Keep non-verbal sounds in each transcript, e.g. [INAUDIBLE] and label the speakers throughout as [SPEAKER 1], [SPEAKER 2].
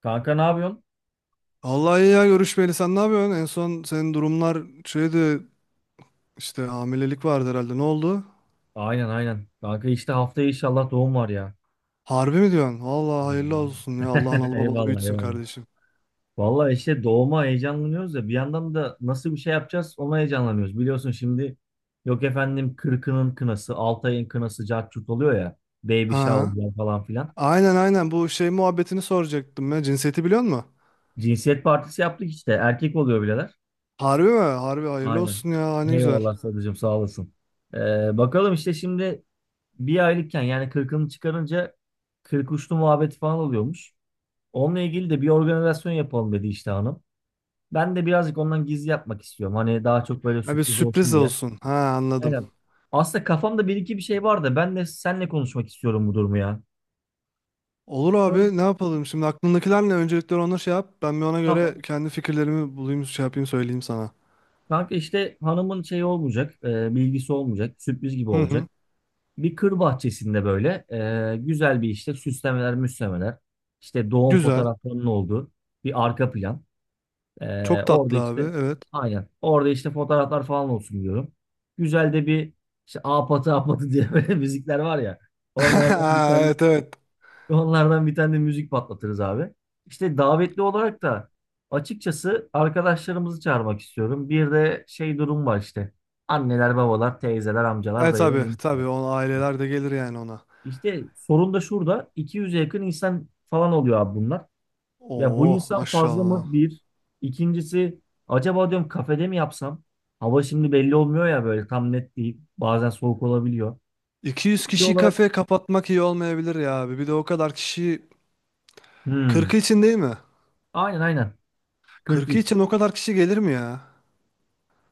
[SPEAKER 1] Kanka ne yapıyorsun?
[SPEAKER 2] Vallahi iyi ya görüşmeyeli sen ne yapıyorsun? En son senin durumlar şeydi işte hamilelik vardı herhalde ne oldu?
[SPEAKER 1] Aynen aynen. Kanka işte haftaya inşallah doğum var ya.
[SPEAKER 2] Harbi mi diyorsun? Vallahi hayırlı
[SPEAKER 1] Anladım.
[SPEAKER 2] olsun ya Allah
[SPEAKER 1] [LAUGHS]
[SPEAKER 2] analı babalı
[SPEAKER 1] Eyvallah
[SPEAKER 2] büyütsün
[SPEAKER 1] eyvallah.
[SPEAKER 2] kardeşim.
[SPEAKER 1] Vallahi işte doğuma heyecanlanıyoruz da bir yandan da nasıl bir şey yapacağız ona heyecanlanıyoruz. Biliyorsun şimdi yok efendim kırkının kınası, 6 ayın kınası cart curt oluyor ya. Baby
[SPEAKER 2] Ha.
[SPEAKER 1] shower falan filan.
[SPEAKER 2] Aynen aynen, bu şey muhabbetini soracaktım ya, cinsiyeti biliyor musun?
[SPEAKER 1] Cinsiyet partisi yaptık işte. Erkek oluyor bileler.
[SPEAKER 2] Harbi mi? Harbi hayırlı
[SPEAKER 1] Aynen.
[SPEAKER 2] olsun ya, ne güzel.
[SPEAKER 1] Eyvallah sadıcığım sağ olasın. Ee, Bakalım işte şimdi bir aylıkken yani kırkını çıkarınca kırk uçlu muhabbeti falan oluyormuş. Onunla ilgili de bir organizasyon yapalım dedi işte hanım. Ben de birazcık ondan gizli yapmak istiyorum. Hani daha çok böyle
[SPEAKER 2] Ha, bir
[SPEAKER 1] sürpriz
[SPEAKER 2] sürpriz
[SPEAKER 1] olsun diye.
[SPEAKER 2] olsun. Ha, anladım.
[SPEAKER 1] Aynen. Aslında kafamda bir iki bir şey var da ben de seninle konuşmak istiyorum bu durumu ya.
[SPEAKER 2] Olur
[SPEAKER 1] Şöyle
[SPEAKER 2] abi, ne yapalım şimdi, aklındakiler ne? Öncelikle onu şey yap. Ben bir ona göre
[SPEAKER 1] tamam.
[SPEAKER 2] kendi fikirlerimi bulayım, şey yapayım, söyleyeyim sana.
[SPEAKER 1] Kanka işte hanımın şey olmayacak, bilgisi olmayacak, sürpriz gibi
[SPEAKER 2] Hı hı.
[SPEAKER 1] olacak. Bir kır bahçesinde böyle güzel bir işte süslemeler, müslemeler, işte doğum
[SPEAKER 2] Güzel.
[SPEAKER 1] fotoğraflarının olduğu bir arka plan.
[SPEAKER 2] Çok
[SPEAKER 1] Orada
[SPEAKER 2] tatlı abi,
[SPEAKER 1] işte
[SPEAKER 2] evet.
[SPEAKER 1] aynen. Orada işte fotoğraflar falan olsun diyorum. Güzel de bir işte apatı apatı diye [LAUGHS] böyle müzikler var ya. Onlardan bir
[SPEAKER 2] [LAUGHS]
[SPEAKER 1] tane,
[SPEAKER 2] Evet evet.
[SPEAKER 1] onlardan bir tane de müzik patlatırız abi. İşte davetli olarak da açıkçası arkadaşlarımızı çağırmak istiyorum. Bir de şey durum var işte. Anneler, babalar, teyzeler, amcalar,
[SPEAKER 2] Evet
[SPEAKER 1] dayılar,
[SPEAKER 2] tabi
[SPEAKER 1] enişteler.
[SPEAKER 2] tabii, o aileler de gelir yani ona.
[SPEAKER 1] İşte sorun da şurada. 200'e yakın insan falan oluyor abi bunlar. Ya bu
[SPEAKER 2] Oo
[SPEAKER 1] insan fazla mı?
[SPEAKER 2] maşallah.
[SPEAKER 1] Bir. İkincisi acaba diyorum kafede mi yapsam? Hava şimdi belli olmuyor ya böyle tam net değil. Bazen soğuk olabiliyor.
[SPEAKER 2] 200
[SPEAKER 1] Belli
[SPEAKER 2] kişi
[SPEAKER 1] olarak
[SPEAKER 2] kafe kapatmak iyi olmayabilir ya abi. Bir de o kadar kişi 40
[SPEAKER 1] hmm.
[SPEAKER 2] için değil mi?
[SPEAKER 1] Aynen aynen.
[SPEAKER 2] 40
[SPEAKER 1] 42.
[SPEAKER 2] için o kadar kişi gelir mi ya?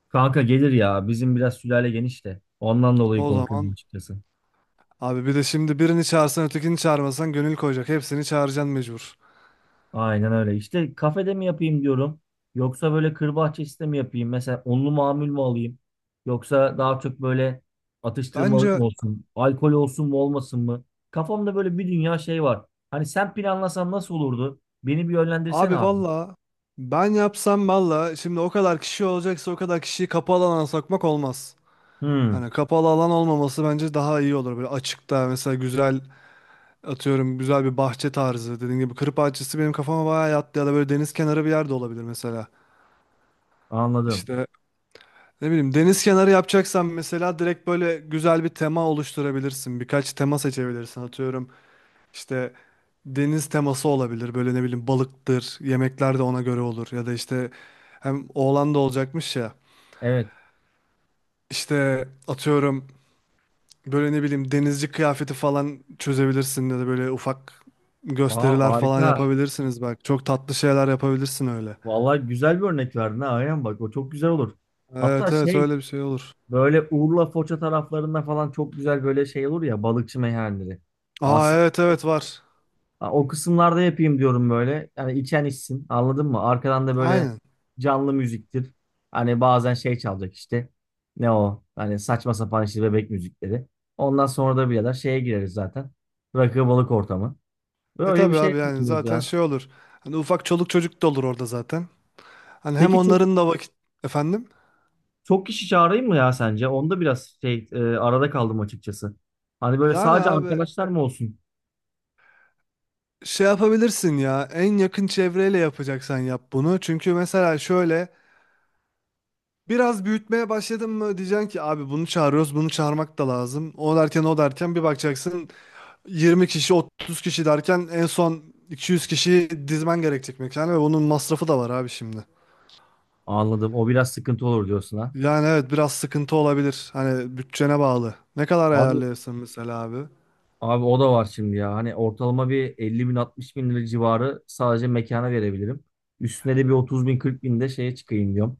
[SPEAKER 1] Kanka gelir ya. Bizim biraz sülale geniş de. Ondan dolayı
[SPEAKER 2] O
[SPEAKER 1] korkuyorum
[SPEAKER 2] zaman
[SPEAKER 1] açıkçası.
[SPEAKER 2] abi, bir de şimdi birini çağırsan ötekini çağırmasan gönül koyacak. Hepsini çağıracaksın mecbur.
[SPEAKER 1] Aynen öyle. İşte kafede mi yapayım diyorum. Yoksa böyle kır bahçesinde mi yapayım? Mesela onlu mamul mu alayım? Yoksa daha çok böyle atıştırmalık mı
[SPEAKER 2] Bence
[SPEAKER 1] olsun? Alkol olsun mu olmasın mı? Kafamda böyle bir dünya şey var. Hani sen planlasan nasıl olurdu? Beni bir yönlendirsene
[SPEAKER 2] abi
[SPEAKER 1] abi.
[SPEAKER 2] valla, ben yapsam valla şimdi, o kadar kişi olacaksa o kadar kişiyi kapalı alana sokmak olmaz.
[SPEAKER 1] Hmm,
[SPEAKER 2] Hani kapalı alan olmaması bence daha iyi olur. Böyle açıkta mesela güzel, atıyorum güzel bir bahçe tarzı, dediğin gibi kır bahçesi benim kafama bayağı yattı, ya da böyle deniz kenarı bir yerde olabilir mesela.
[SPEAKER 1] anladım.
[SPEAKER 2] İşte ne bileyim, deniz kenarı yapacaksan mesela direkt böyle güzel bir tema oluşturabilirsin. Birkaç tema seçebilirsin, atıyorum işte deniz teması olabilir, böyle ne bileyim balıktır, yemekler de ona göre olur, ya da işte hem oğlan da olacakmış ya,
[SPEAKER 1] Evet.
[SPEAKER 2] işte atıyorum böyle ne bileyim denizci kıyafeti falan çözebilirsin, ya da böyle ufak
[SPEAKER 1] Aa,
[SPEAKER 2] gösteriler falan
[SPEAKER 1] harika.
[SPEAKER 2] yapabilirsiniz belki. Çok tatlı şeyler yapabilirsin öyle.
[SPEAKER 1] Vallahi güzel bir örnek verdin ha. Aynen bak o çok güzel olur. Hatta
[SPEAKER 2] Evet evet,
[SPEAKER 1] şey
[SPEAKER 2] öyle bir şey olur.
[SPEAKER 1] böyle Urla Foça taraflarında falan çok güzel böyle şey olur ya balıkçı meyhaneleri.
[SPEAKER 2] Aa
[SPEAKER 1] Aslında
[SPEAKER 2] evet evet, var.
[SPEAKER 1] ha, o kısımlarda yapayım diyorum böyle. Yani içen içsin. Anladın mı? Arkadan da böyle
[SPEAKER 2] Aynen.
[SPEAKER 1] canlı müziktir. Hani bazen şey çalacak işte. Ne o? Hani saçma sapan işte bebek müzikleri. Ondan sonra da birader şeye gireriz zaten. Rakı balık ortamı.
[SPEAKER 2] E
[SPEAKER 1] Böyle bir
[SPEAKER 2] tabii
[SPEAKER 1] şey
[SPEAKER 2] abi, yani
[SPEAKER 1] yapıyoruz
[SPEAKER 2] zaten
[SPEAKER 1] ya.
[SPEAKER 2] şey olur. Hani ufak çoluk çocuk da olur orada zaten. Hani hem
[SPEAKER 1] Peki çok
[SPEAKER 2] onların da vakit efendim.
[SPEAKER 1] çok kişi çağırayım mı ya sence? Onda biraz şey arada kaldım açıkçası. Hani böyle
[SPEAKER 2] Yani
[SPEAKER 1] sadece
[SPEAKER 2] abi
[SPEAKER 1] arkadaşlar mı olsun?
[SPEAKER 2] şey yapabilirsin ya, en yakın çevreyle yapacaksan yap bunu. Çünkü mesela şöyle, biraz büyütmeye başladın mı diyeceksin ki abi bunu çağırıyoruz, bunu çağırmak da lazım. O derken o derken bir bakacaksın, 20 kişi 30 kişi derken en son 200 kişi dizmen gerekecek mekana, ve bunun masrafı da var abi şimdi.
[SPEAKER 1] Anladım. O biraz sıkıntı olur diyorsun ha.
[SPEAKER 2] Yani evet, biraz sıkıntı olabilir, hani bütçene bağlı. Ne kadar
[SPEAKER 1] Abi
[SPEAKER 2] ayarlayırsın mesela abi?
[SPEAKER 1] Abi o da var şimdi ya. Hani ortalama bir 50 bin 60 bin lira civarı sadece mekana verebilirim. Üstüne de bir 30 bin 40 bin de şeye çıkayım diyorum.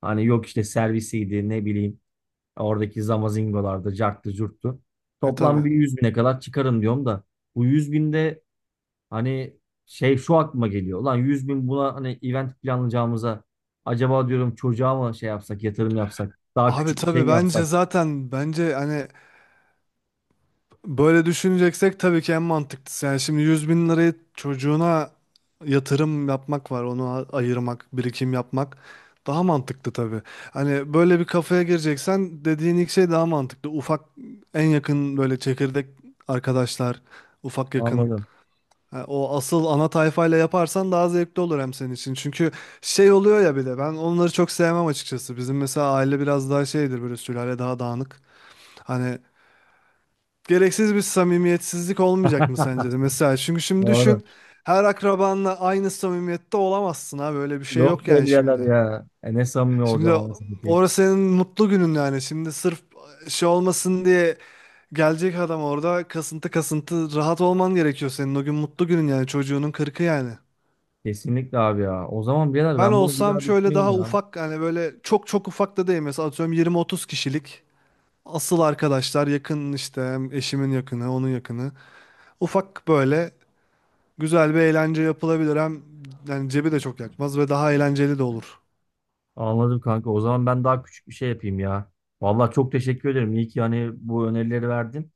[SPEAKER 1] Hani yok işte servisiydi ne bileyim oradaki zamazingolarda carttı curttu.
[SPEAKER 2] E
[SPEAKER 1] Toplam
[SPEAKER 2] tabi.
[SPEAKER 1] bir 100 bine kadar çıkarım diyorum da. Bu 100 binde hani şey şu aklıma geliyor. Ulan 100 bin buna hani event planlayacağımıza acaba diyorum çocuğa mı şey yapsak yatırım yapsak daha
[SPEAKER 2] Abi
[SPEAKER 1] küçük bir şey
[SPEAKER 2] tabi,
[SPEAKER 1] mi yapsak?
[SPEAKER 2] bence zaten bence hani böyle düşüneceksek tabii ki en mantıklısı. Yani şimdi 100.000 lirayı çocuğuna yatırım yapmak var, onu ayırmak, birikim yapmak daha mantıklı tabii. Hani böyle bir kafaya gireceksen dediğin ilk şey daha mantıklı. Ufak, en yakın böyle çekirdek arkadaşlar, ufak yakın.
[SPEAKER 1] Anladım.
[SPEAKER 2] Ha, o asıl ana tayfayla yaparsan daha zevkli olur, hem senin için. Çünkü şey oluyor ya, bir de ben onları çok sevmem açıkçası. Bizim mesela aile biraz daha şeydir, böyle sülale daha dağınık. Hani gereksiz bir samimiyetsizlik olmayacak mı sence de? Mesela çünkü şimdi
[SPEAKER 1] Doğru.
[SPEAKER 2] düşün, her akrabanla aynı samimiyette olamazsın abi, öyle bir şey
[SPEAKER 1] Yok
[SPEAKER 2] yok
[SPEAKER 1] be
[SPEAKER 2] yani
[SPEAKER 1] birader
[SPEAKER 2] şimdi.
[SPEAKER 1] ya. E ne samimi
[SPEAKER 2] Şimdi
[SPEAKER 1] olacağım anasını satayım.
[SPEAKER 2] orası senin mutlu günün, yani şimdi sırf şey olmasın diye gelecek adam orada kasıntı kasıntı, rahat olman gerekiyor senin, o gün mutlu günün yani, çocuğunun kırkı yani.
[SPEAKER 1] Kesinlikle abi ya. O zaman birader
[SPEAKER 2] Ben
[SPEAKER 1] ben bunu bir
[SPEAKER 2] olsam
[SPEAKER 1] daha
[SPEAKER 2] şöyle
[SPEAKER 1] düşüneyim
[SPEAKER 2] daha
[SPEAKER 1] ya.
[SPEAKER 2] ufak, yani böyle çok çok ufak da değil, mesela atıyorum 20-30 kişilik asıl arkadaşlar, yakın işte, hem eşimin yakını onun yakını, ufak böyle güzel bir eğlence yapılabilir, hem yani cebi de çok yakmaz ve daha eğlenceli de olur.
[SPEAKER 1] Anladım kanka. O zaman ben daha küçük bir şey yapayım ya. Vallahi çok teşekkür ederim. İyi ki yani bu önerileri verdin.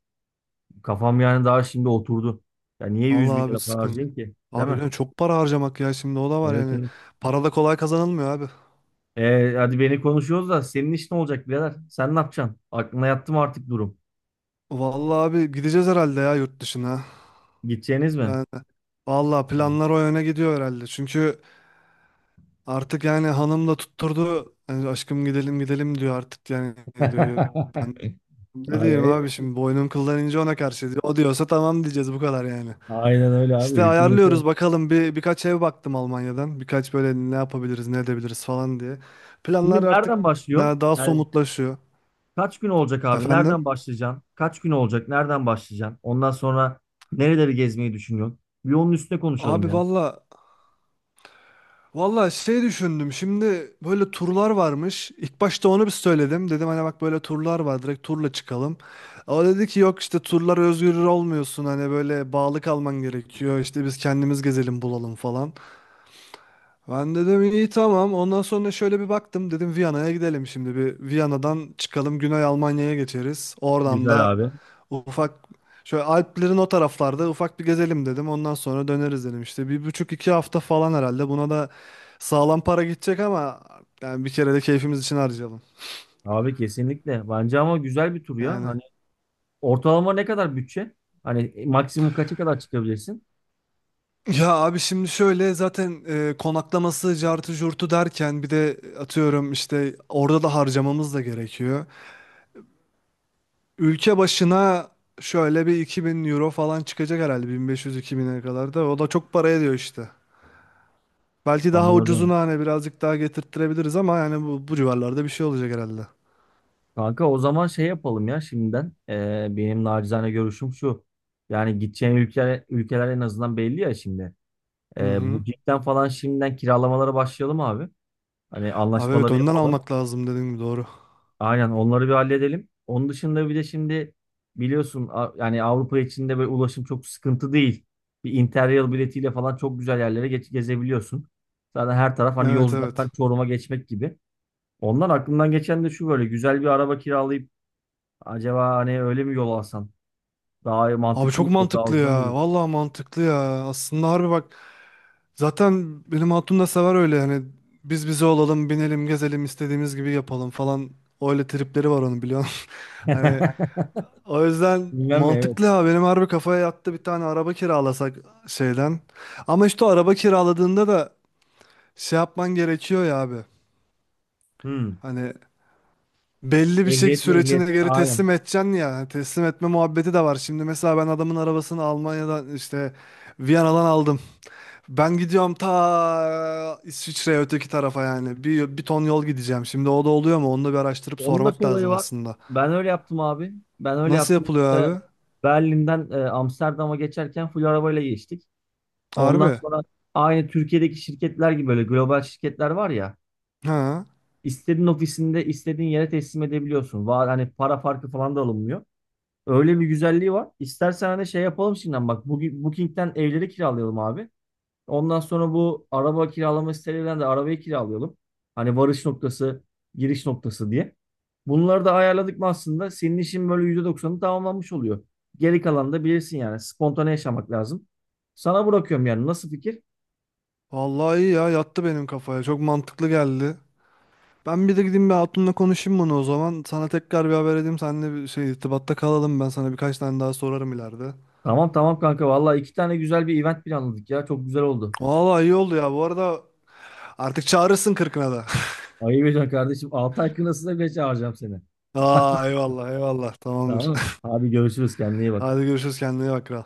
[SPEAKER 1] Kafam yani daha şimdi oturdu. Ya niye
[SPEAKER 2] Allah
[SPEAKER 1] 100 bin
[SPEAKER 2] abi
[SPEAKER 1] lira para
[SPEAKER 2] sıkın.
[SPEAKER 1] harcayayım ki? Değil
[SPEAKER 2] Abi
[SPEAKER 1] mi?
[SPEAKER 2] yani çok para harcamak ya, şimdi o da var
[SPEAKER 1] Evet
[SPEAKER 2] yani.
[SPEAKER 1] evet.
[SPEAKER 2] Para da kolay kazanılmıyor abi.
[SPEAKER 1] E, hadi beni konuşuyoruz da senin iş ne olacak birader? Sen ne yapacaksın? Aklına yattı mı artık durum?
[SPEAKER 2] Vallahi abi, gideceğiz herhalde ya yurt dışına.
[SPEAKER 1] Gideceğiniz mi?
[SPEAKER 2] Yani vallahi planlar o yöne gidiyor herhalde. Çünkü artık yani hanım da tutturdu. Yani aşkım gidelim gidelim diyor artık yani, diyor.
[SPEAKER 1] [LAUGHS]
[SPEAKER 2] Ben ne diyeyim
[SPEAKER 1] Aynen,
[SPEAKER 2] abi şimdi, boynum kıldan ince ona karşı, diyor. O diyorsa tamam diyeceğiz, bu kadar yani.
[SPEAKER 1] aynen öyle abi.
[SPEAKER 2] İşte
[SPEAKER 1] Hükümete.
[SPEAKER 2] ayarlıyoruz bakalım, bir birkaç ev baktım Almanya'dan. Birkaç böyle ne yapabiliriz, ne edebiliriz falan diye. Planlar
[SPEAKER 1] Şimdi
[SPEAKER 2] artık
[SPEAKER 1] nereden başlıyorsun?
[SPEAKER 2] daha
[SPEAKER 1] Yani,
[SPEAKER 2] somutlaşıyor.
[SPEAKER 1] kaç gün olacak abi?
[SPEAKER 2] Efendim?
[SPEAKER 1] Nereden başlayacaksın? Kaç gün olacak? Nereden başlayacaksın? Ondan sonra nereleri gezmeyi düşünüyorsun? Bir onun üstüne konuşalım
[SPEAKER 2] Abi
[SPEAKER 1] ya.
[SPEAKER 2] valla valla şey düşündüm. Şimdi böyle turlar varmış. İlk başta onu bir söyledim. Dedim hani bak böyle turlar var. Direkt turla çıkalım. O dedi ki yok işte turlar, özgür olmuyorsun. Hani böyle bağlı kalman gerekiyor. İşte biz kendimiz gezelim bulalım falan. Ben dedim iyi tamam. Ondan sonra şöyle bir baktım. Dedim Viyana'ya gidelim şimdi. Bir Viyana'dan çıkalım, Güney Almanya'ya geçeriz. Oradan
[SPEAKER 1] Güzel
[SPEAKER 2] da
[SPEAKER 1] abi.
[SPEAKER 2] ufak şöyle Alplerin o taraflarda ufak bir gezelim dedim. Ondan sonra döneriz dedim. İşte bir buçuk iki hafta falan herhalde. Buna da sağlam para gidecek ama, yani bir kere de keyfimiz için harcayalım.
[SPEAKER 1] Abi kesinlikle. Bence ama güzel bir tur ya.
[SPEAKER 2] Yani.
[SPEAKER 1] Hani ortalama ne kadar bütçe? Hani maksimum kaça kadar çıkabilirsin?
[SPEAKER 2] Ya abi şimdi şöyle zaten konaklaması cartı curtu derken, bir de atıyorum işte orada da harcamamız da gerekiyor. Ülke başına şöyle bir 2000 euro falan çıkacak herhalde, 1500-2000'e kadar da. O da çok para ediyor işte. Belki daha
[SPEAKER 1] Anladım.
[SPEAKER 2] ucuzunu hani birazcık daha getirttirebiliriz, ama yani bu civarlarda bir şey olacak herhalde.
[SPEAKER 1] Kanka o zaman şey yapalım ya şimdiden. Benim nacizane görüşüm şu. Yani gideceğin ülkeler en azından belli ya şimdi.
[SPEAKER 2] Hı hı.
[SPEAKER 1] Bu cidden falan şimdiden kiralamalara başlayalım abi. Hani
[SPEAKER 2] Abi evet,
[SPEAKER 1] anlaşmaları
[SPEAKER 2] önden
[SPEAKER 1] yapalım.
[SPEAKER 2] almak lazım dediğin gibi, doğru.
[SPEAKER 1] Aynen onları bir halledelim. Onun dışında bir de şimdi biliyorsun yani Avrupa içinde böyle ulaşım çok sıkıntı değil. Bir Interrail biletiyle falan çok güzel yerlere gezebiliyorsun. Zaten her taraf hani
[SPEAKER 2] Evet
[SPEAKER 1] Yozgat'tan
[SPEAKER 2] evet.
[SPEAKER 1] Çorum'a geçmek gibi. Ondan aklımdan geçen de şu böyle güzel bir araba kiralayıp acaba hani öyle mi yol alsam? Daha
[SPEAKER 2] Abi
[SPEAKER 1] mantıklı mı
[SPEAKER 2] çok
[SPEAKER 1] olur? Daha
[SPEAKER 2] mantıklı
[SPEAKER 1] ucuz mu olur?
[SPEAKER 2] ya. Vallahi mantıklı ya. Aslında harbi bak. Zaten benim hatun da sever öyle yani. Biz bize olalım, binelim, gezelim, istediğimiz gibi yapalım falan. Öyle tripleri var onun, biliyorsun. [LAUGHS] Hani
[SPEAKER 1] [LAUGHS]
[SPEAKER 2] o yüzden
[SPEAKER 1] Bilmem mi? Evet.
[SPEAKER 2] mantıklı ya, benim harbi kafaya yattı bir tane araba kiralasak şeyden. Ama işte o araba kiraladığında da şey yapman gerekiyor ya abi.
[SPEAKER 1] Hmm.
[SPEAKER 2] Hani belli bir şey
[SPEAKER 1] Ehliyetle
[SPEAKER 2] sürecine
[SPEAKER 1] ehliyet.
[SPEAKER 2] göre
[SPEAKER 1] Aynen.
[SPEAKER 2] teslim edeceksin ya. Hani teslim etme muhabbeti de var. Şimdi mesela ben adamın arabasını Almanya'dan işte Viyana'dan aldım. Ben gidiyorum ta İsviçre'ye öteki tarafa yani. Bir ton yol gideceğim. Şimdi o da oluyor mu? Onu da bir araştırıp
[SPEAKER 1] Onun da bir
[SPEAKER 2] sormak
[SPEAKER 1] olayı
[SPEAKER 2] lazım
[SPEAKER 1] var.
[SPEAKER 2] aslında.
[SPEAKER 1] Ben öyle yaptım abi. Ben öyle
[SPEAKER 2] Nasıl
[SPEAKER 1] yaptım.
[SPEAKER 2] yapılıyor
[SPEAKER 1] Mesela
[SPEAKER 2] abi?
[SPEAKER 1] Berlin'den Amsterdam'a geçerken full arabayla geçtik. Ondan
[SPEAKER 2] Harbi.
[SPEAKER 1] sonra aynı Türkiye'deki şirketler gibi böyle global şirketler var ya.
[SPEAKER 2] Ha.
[SPEAKER 1] İstediğin ofisinde istediğin yere teslim edebiliyorsun. Var hani para farkı falan da alınmıyor. Öyle bir güzelliği var. İstersen hani şey yapalım şimdiden bak. Bugün Booking'den evleri kiralayalım abi. Ondan sonra bu araba kiralama sitelerinden de arabayı kiralayalım. Hani varış noktası, giriş noktası diye. Bunları da ayarladık mı aslında senin işin böyle %90'ı tamamlanmış oluyor. Geri kalanı da bilirsin yani. Spontane yaşamak lazım. Sana bırakıyorum yani. Nasıl fikir?
[SPEAKER 2] Vallahi iyi ya, yattı benim kafaya. Çok mantıklı geldi. Ben bir de gideyim bir hatunla konuşayım bunu o zaman. Sana tekrar bir haber edeyim. Seninle bir şey irtibatta kalalım. Ben sana birkaç tane daha sorarım ileride.
[SPEAKER 1] Tamam tamam kanka. Vallahi iki tane güzel bir event planladık ya. Çok güzel oldu.
[SPEAKER 2] Vallahi iyi oldu ya. Bu arada artık çağırırsın kırkına da.
[SPEAKER 1] Ayıp ediyorsun kardeşim. 6 ay kınasına bile çağıracağım seni.
[SPEAKER 2] [LAUGHS] Aa eyvallah eyvallah. Tamamdır.
[SPEAKER 1] Tamam. Abi görüşürüz. Kendine iyi
[SPEAKER 2] [LAUGHS]
[SPEAKER 1] bak.
[SPEAKER 2] Hadi görüşürüz, kendine iyi bak kral.